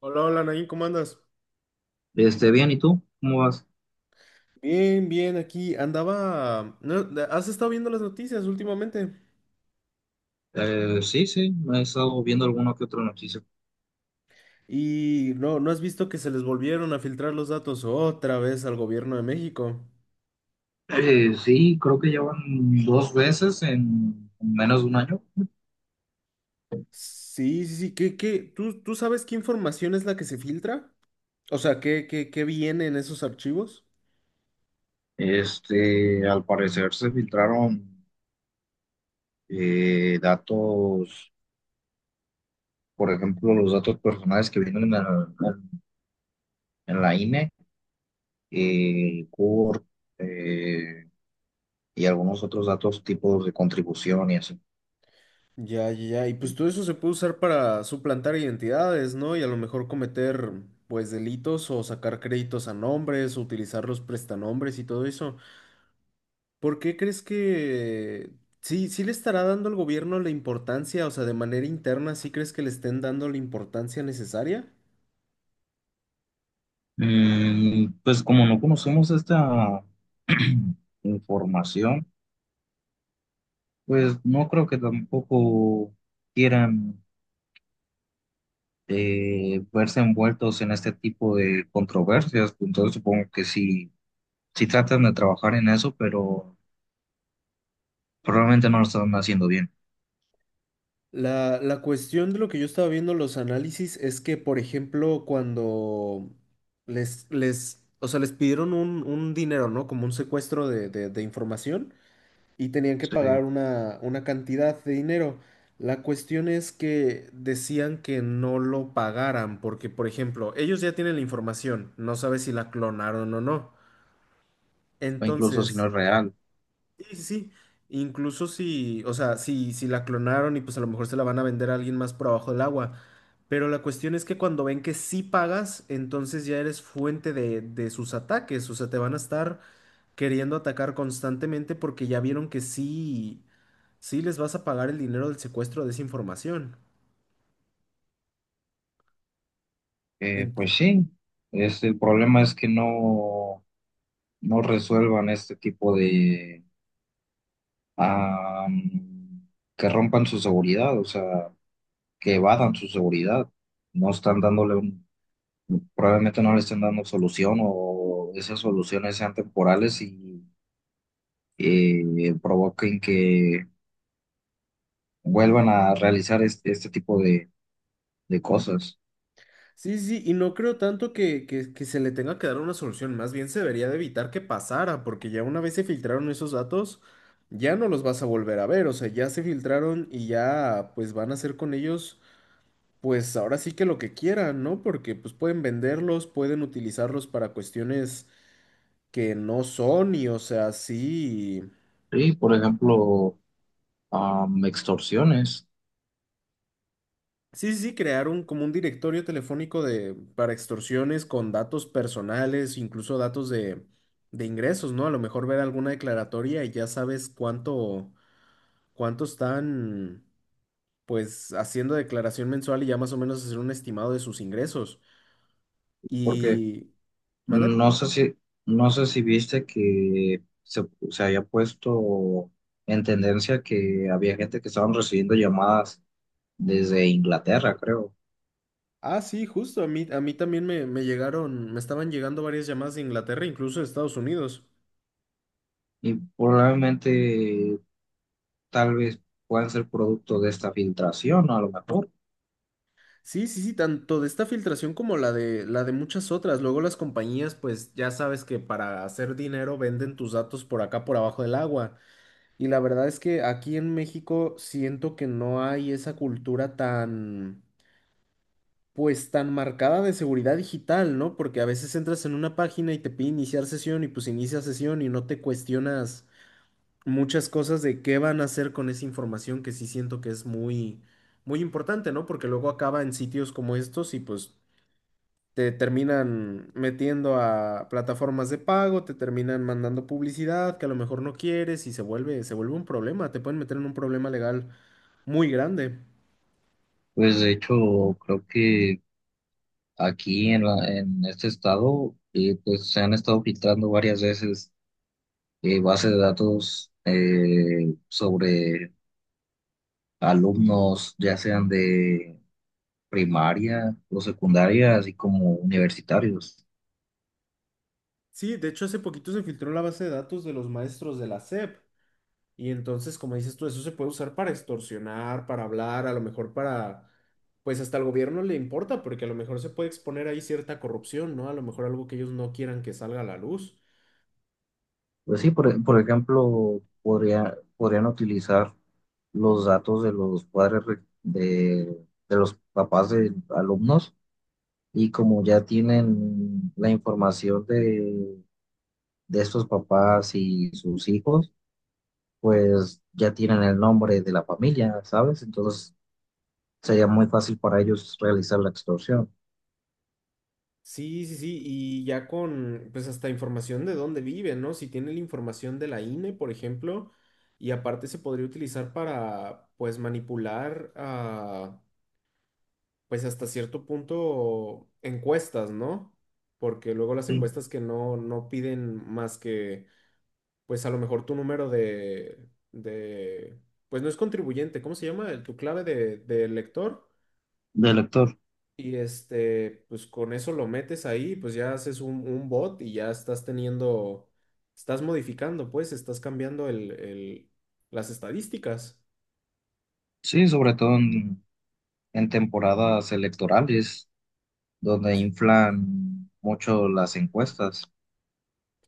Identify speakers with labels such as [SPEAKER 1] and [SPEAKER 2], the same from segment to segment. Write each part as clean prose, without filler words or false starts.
[SPEAKER 1] Hola, hola, Nain, ¿cómo andas?
[SPEAKER 2] Bien, ¿y tú? ¿Cómo vas?
[SPEAKER 1] Bien, bien, aquí andaba. ¿No? de- ¿Has estado viendo las noticias últimamente?
[SPEAKER 2] Sí, sí, he estado viendo alguna que otra noticia.
[SPEAKER 1] Y no, ¿no has visto que se les volvieron a filtrar los datos otra vez al gobierno de México?
[SPEAKER 2] Sí, creo que llevan dos veces en menos de un año.
[SPEAKER 1] Sí, sí, sí, ¿qué? ¿Tú sabes qué información es la que se filtra? O sea, ¿qué viene en esos archivos?
[SPEAKER 2] Al parecer se filtraron datos, por ejemplo, los datos personales que vienen en la INE, CUR, eh, y algunos otros datos, tipos de contribución y así.
[SPEAKER 1] Ya, ya, ya, y pues todo eso se puede usar para suplantar identidades, ¿no? Y a lo mejor cometer, pues, delitos o sacar créditos a nombres, o utilizar los prestanombres y todo eso. ¿Por qué crees que sí le estará dando al gobierno la importancia, o sea, de manera interna, sí crees que le estén dando la importancia necesaria?
[SPEAKER 2] Pues como no conocemos esta información. Pues no creo que tampoco quieran verse envueltos en este tipo de controversias, entonces supongo que sí, sí tratan de trabajar en eso, pero probablemente no lo están haciendo bien.
[SPEAKER 1] La cuestión de lo que yo estaba viendo en los análisis es que, por ejemplo, cuando o sea, les pidieron un dinero, ¿no? Como un secuestro de, de información. Y tenían que
[SPEAKER 2] Sí,
[SPEAKER 1] pagar una cantidad de dinero. La cuestión es que decían que no lo pagaran porque, por ejemplo, ellos ya tienen la información, no sabe si la clonaron o no.
[SPEAKER 2] o incluso si no
[SPEAKER 1] Entonces,
[SPEAKER 2] es real.
[SPEAKER 1] sí, sí, sí, incluso si, o sea, si la clonaron y pues a lo mejor se la van a vender a alguien más por abajo del agua. Pero la cuestión es que cuando ven que sí pagas, entonces ya eres fuente de sus ataques, o sea, te van a estar queriendo atacar constantemente porque ya vieron que sí les vas a pagar el dinero del secuestro de esa información. Ent-
[SPEAKER 2] Pues sí, es, el problema es que no resuelvan este tipo de... am, que rompan su seguridad, o sea, que evadan su seguridad, no están dándole un probablemente no le estén dando solución o esas soluciones sean temporales y provoquen que vuelvan a realizar este tipo de cosas.
[SPEAKER 1] sí, sí, y no creo tanto que, que se le tenga que dar una solución, más bien se debería de evitar que pasara, porque ya una vez se filtraron esos datos, ya no los vas a volver a ver, o sea, ya se filtraron y ya pues van a hacer con ellos, pues ahora sí que lo que quieran, ¿no? Porque pues pueden venderlos, pueden utilizarlos para cuestiones que no son y o sea, sí.
[SPEAKER 2] Sí, por ejemplo, extorsiones,
[SPEAKER 1] Sí, sí, sí, crear un, como un directorio telefónico de, para extorsiones con datos personales, incluso datos de ingresos, ¿no? A lo mejor ver alguna declaratoria y ya sabes cuánto, cuánto están, pues, haciendo declaración mensual y ya más o menos hacer un estimado de sus ingresos.
[SPEAKER 2] porque
[SPEAKER 1] Y... ¿Mande?
[SPEAKER 2] no sé si, no sé si viste que se había puesto en tendencia que había gente que estaban recibiendo llamadas desde Inglaterra, creo.
[SPEAKER 1] Ah, sí, justo, a mí también me llegaron, me estaban llegando varias llamadas de Inglaterra, incluso de Estados Unidos.
[SPEAKER 2] Y probablemente tal vez puedan ser producto de esta filtración, a lo mejor.
[SPEAKER 1] Sí, sí, sí, tanto de esta filtración como la de muchas otras. Luego las compañías, pues ya sabes que para hacer dinero venden tus datos por acá, por abajo del agua. Y la verdad es que aquí en México siento que no hay esa cultura tan, pues tan marcada de seguridad digital, ¿no? Porque a veces entras en una página y te pide iniciar sesión y pues inicia sesión y no te cuestionas muchas cosas de qué van a hacer con esa información que sí siento que es muy muy importante, ¿no? Porque luego acaba en sitios como estos y pues te terminan metiendo a plataformas de pago, te terminan mandando publicidad que a lo mejor no quieres y se vuelve un problema, te pueden meter en un problema legal muy grande.
[SPEAKER 2] Pues de hecho, creo que en este estado, pues se han estado filtrando varias veces bases de datos sobre alumnos, ya sean de primaria o secundaria, así como universitarios.
[SPEAKER 1] Sí, de hecho hace poquito se filtró la base de datos de los maestros de la SEP y entonces, como dices tú, eso se puede usar para extorsionar, para hablar, a lo mejor para, pues hasta al gobierno le importa porque a lo mejor se puede exponer ahí cierta corrupción, ¿no? A lo mejor algo que ellos no quieran que salga a la luz.
[SPEAKER 2] Pues sí, por ejemplo, podrían utilizar los datos de los padres re- de los papás de alumnos. Y como ya tienen la información de estos papás y sus hijos, pues ya tienen el nombre de la familia, ¿sabes? Entonces sería muy fácil para ellos realizar la extorsión.
[SPEAKER 1] Sí, sí, sí, y ya con, pues hasta información de dónde vive, ¿no? Si tiene la información de la INE, por ejemplo, y aparte se podría utilizar para, pues, manipular, ah, pues, hasta cierto punto encuestas, ¿no? Porque luego las
[SPEAKER 2] Sí,
[SPEAKER 1] encuestas que no, no piden más que, pues, a lo mejor tu número de, pues, no es contribuyente, ¿cómo se llama? Tu clave de lector.
[SPEAKER 2] del lector.
[SPEAKER 1] Y este, pues con eso lo metes ahí, pues ya haces un bot y ya estás teniendo, estás modificando, pues, estás cambiando el, las estadísticas.
[SPEAKER 2] Sí, sobre todo en temporadas electorales, donde inflan mucho las encuestas.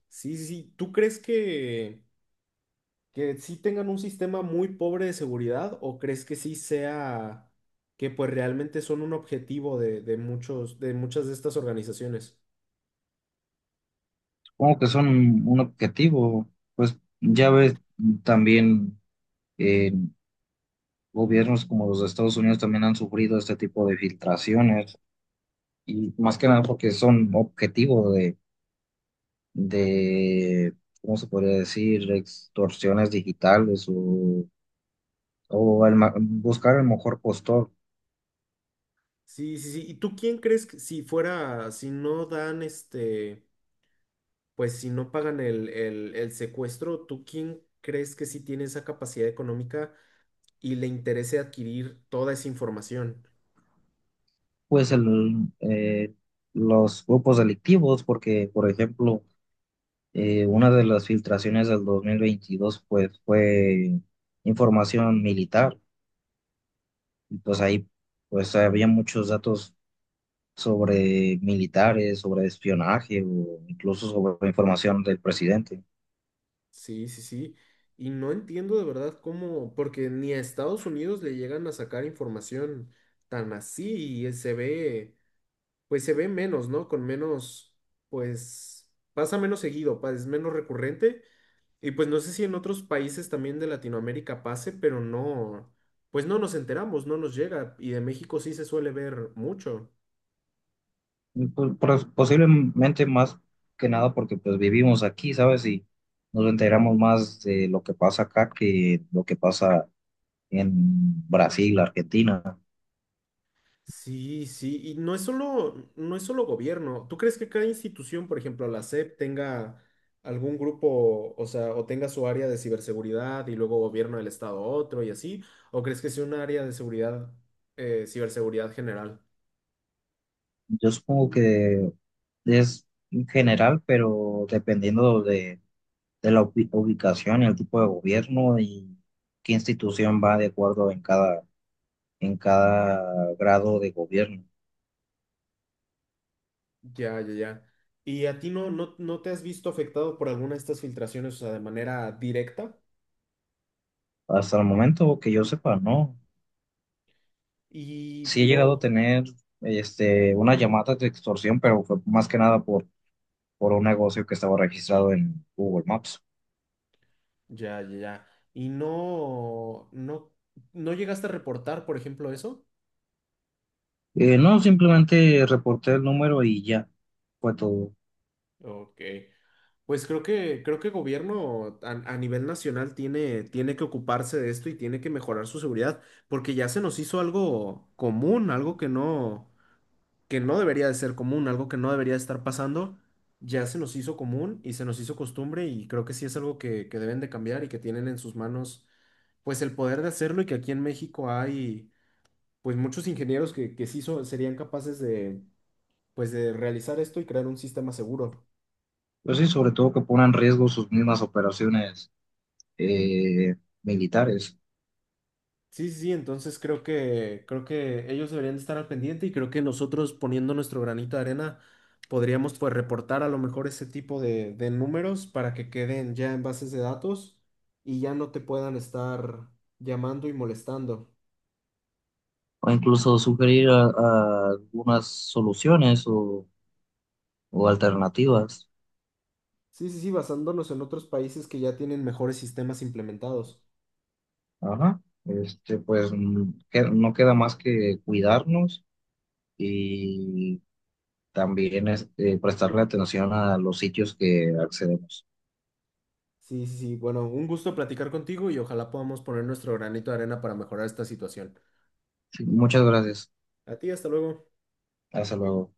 [SPEAKER 1] Sí, sí, sí. ¿Tú crees que sí tengan un sistema muy pobre de seguridad o crees que sí sea que pues realmente son un objetivo de muchos, de muchas de estas organizaciones?
[SPEAKER 2] Supongo que son un objetivo, pues ya ves también gobiernos como los de Estados Unidos también han sufrido este tipo de filtraciones y más que nada porque son objetivo de ¿cómo se podría decir? Extorsiones digitales o, buscar el mejor postor,
[SPEAKER 1] Sí, sí, sí. ¿Y tú quién crees que si fuera, si no dan este... pues si no pagan el, el secuestro, ¿tú quién crees que sí tiene esa capacidad económica y le interese adquirir toda esa información?
[SPEAKER 2] pues eh, los grupos delictivos, porque por ejemplo, una de las filtraciones del 2022 pues fue información militar, y pues ahí pues había muchos datos sobre militares, sobre espionaje o incluso sobre información del presidente.
[SPEAKER 1] Sí, sí, sí. Y no entiendo de verdad cómo, porque ni a Estados Unidos le llegan a sacar información tan así y se ve, pues se ve menos, ¿no? Con menos, pues pasa menos seguido, es menos recurrente. Y pues no sé si en otros países también de Latinoamérica pase, pero no, pues no nos enteramos, no nos llega. Y de México sí se suele ver mucho.
[SPEAKER 2] Y, pues, posiblemente más que nada porque pues vivimos aquí, ¿sabes? Y nos enteramos más de lo que pasa acá que lo que pasa en Brasil, Argentina.
[SPEAKER 1] Sí, sí, y no es solo, no es solo gobierno. ¿Tú crees que cada institución, por ejemplo, la SEP, tenga algún grupo, o sea, o tenga su área de ciberseguridad y luego gobierno del estado otro y así? ¿O crees que sea un área de seguridad, ciberseguridad general?
[SPEAKER 2] Yo supongo que es en general, pero dependiendo de, ubicación y el tipo de gobierno y qué institución va de acuerdo en cada grado de gobierno.
[SPEAKER 1] Ya, ya, ya. ¿Y a ti no, no, no te has visto afectado por alguna de estas filtraciones, o sea, de manera directa?
[SPEAKER 2] Hasta el momento que yo sepa, no.
[SPEAKER 1] Y
[SPEAKER 2] Sí he llegado a
[SPEAKER 1] no,
[SPEAKER 2] tener una llamada de extorsión, pero fue más que nada por, por un negocio que estaba registrado en Google Maps.
[SPEAKER 1] ya, ya, ya. ¿Y no, no, no llegaste a reportar, por ejemplo, eso?
[SPEAKER 2] No, simplemente reporté el número y ya fue todo.
[SPEAKER 1] Ok. Pues creo que gobierno a nivel nacional tiene, tiene que ocuparse de esto y tiene que mejorar su seguridad, porque ya se nos hizo algo común, algo que no. Que no debería de ser común, algo que no debería de estar pasando, ya se nos hizo común y se nos hizo costumbre y creo que sí es algo que deben de cambiar y que tienen en sus manos pues el poder de hacerlo y que aquí en México hay pues muchos ingenieros que serían capaces de pues de realizar esto y crear un sistema seguro.
[SPEAKER 2] Pues sí, sobre todo que pongan en riesgo sus mismas operaciones eh, militares.
[SPEAKER 1] Sí, sí, sí, entonces creo que ellos deberían de estar al pendiente y creo que nosotros poniendo nuestro granito de arena podríamos pues reportar a lo mejor ese tipo de números para que queden ya en bases de datos y ya no te puedan estar llamando y molestando.
[SPEAKER 2] O incluso sugerir a algunas soluciones o alternativas.
[SPEAKER 1] Sí, sí, sí, basándonos en otros países que ya tienen mejores sistemas implementados.
[SPEAKER 2] Ajá. Pues no queda más que cuidarnos y también es, prestarle atención a los sitios que accedemos.
[SPEAKER 1] Sí, sí, sí, bueno, un gusto platicar contigo y ojalá podamos poner nuestro granito de arena para mejorar esta situación.
[SPEAKER 2] Sí, muchas gracias.
[SPEAKER 1] A ti, hasta luego.
[SPEAKER 2] Hasta luego.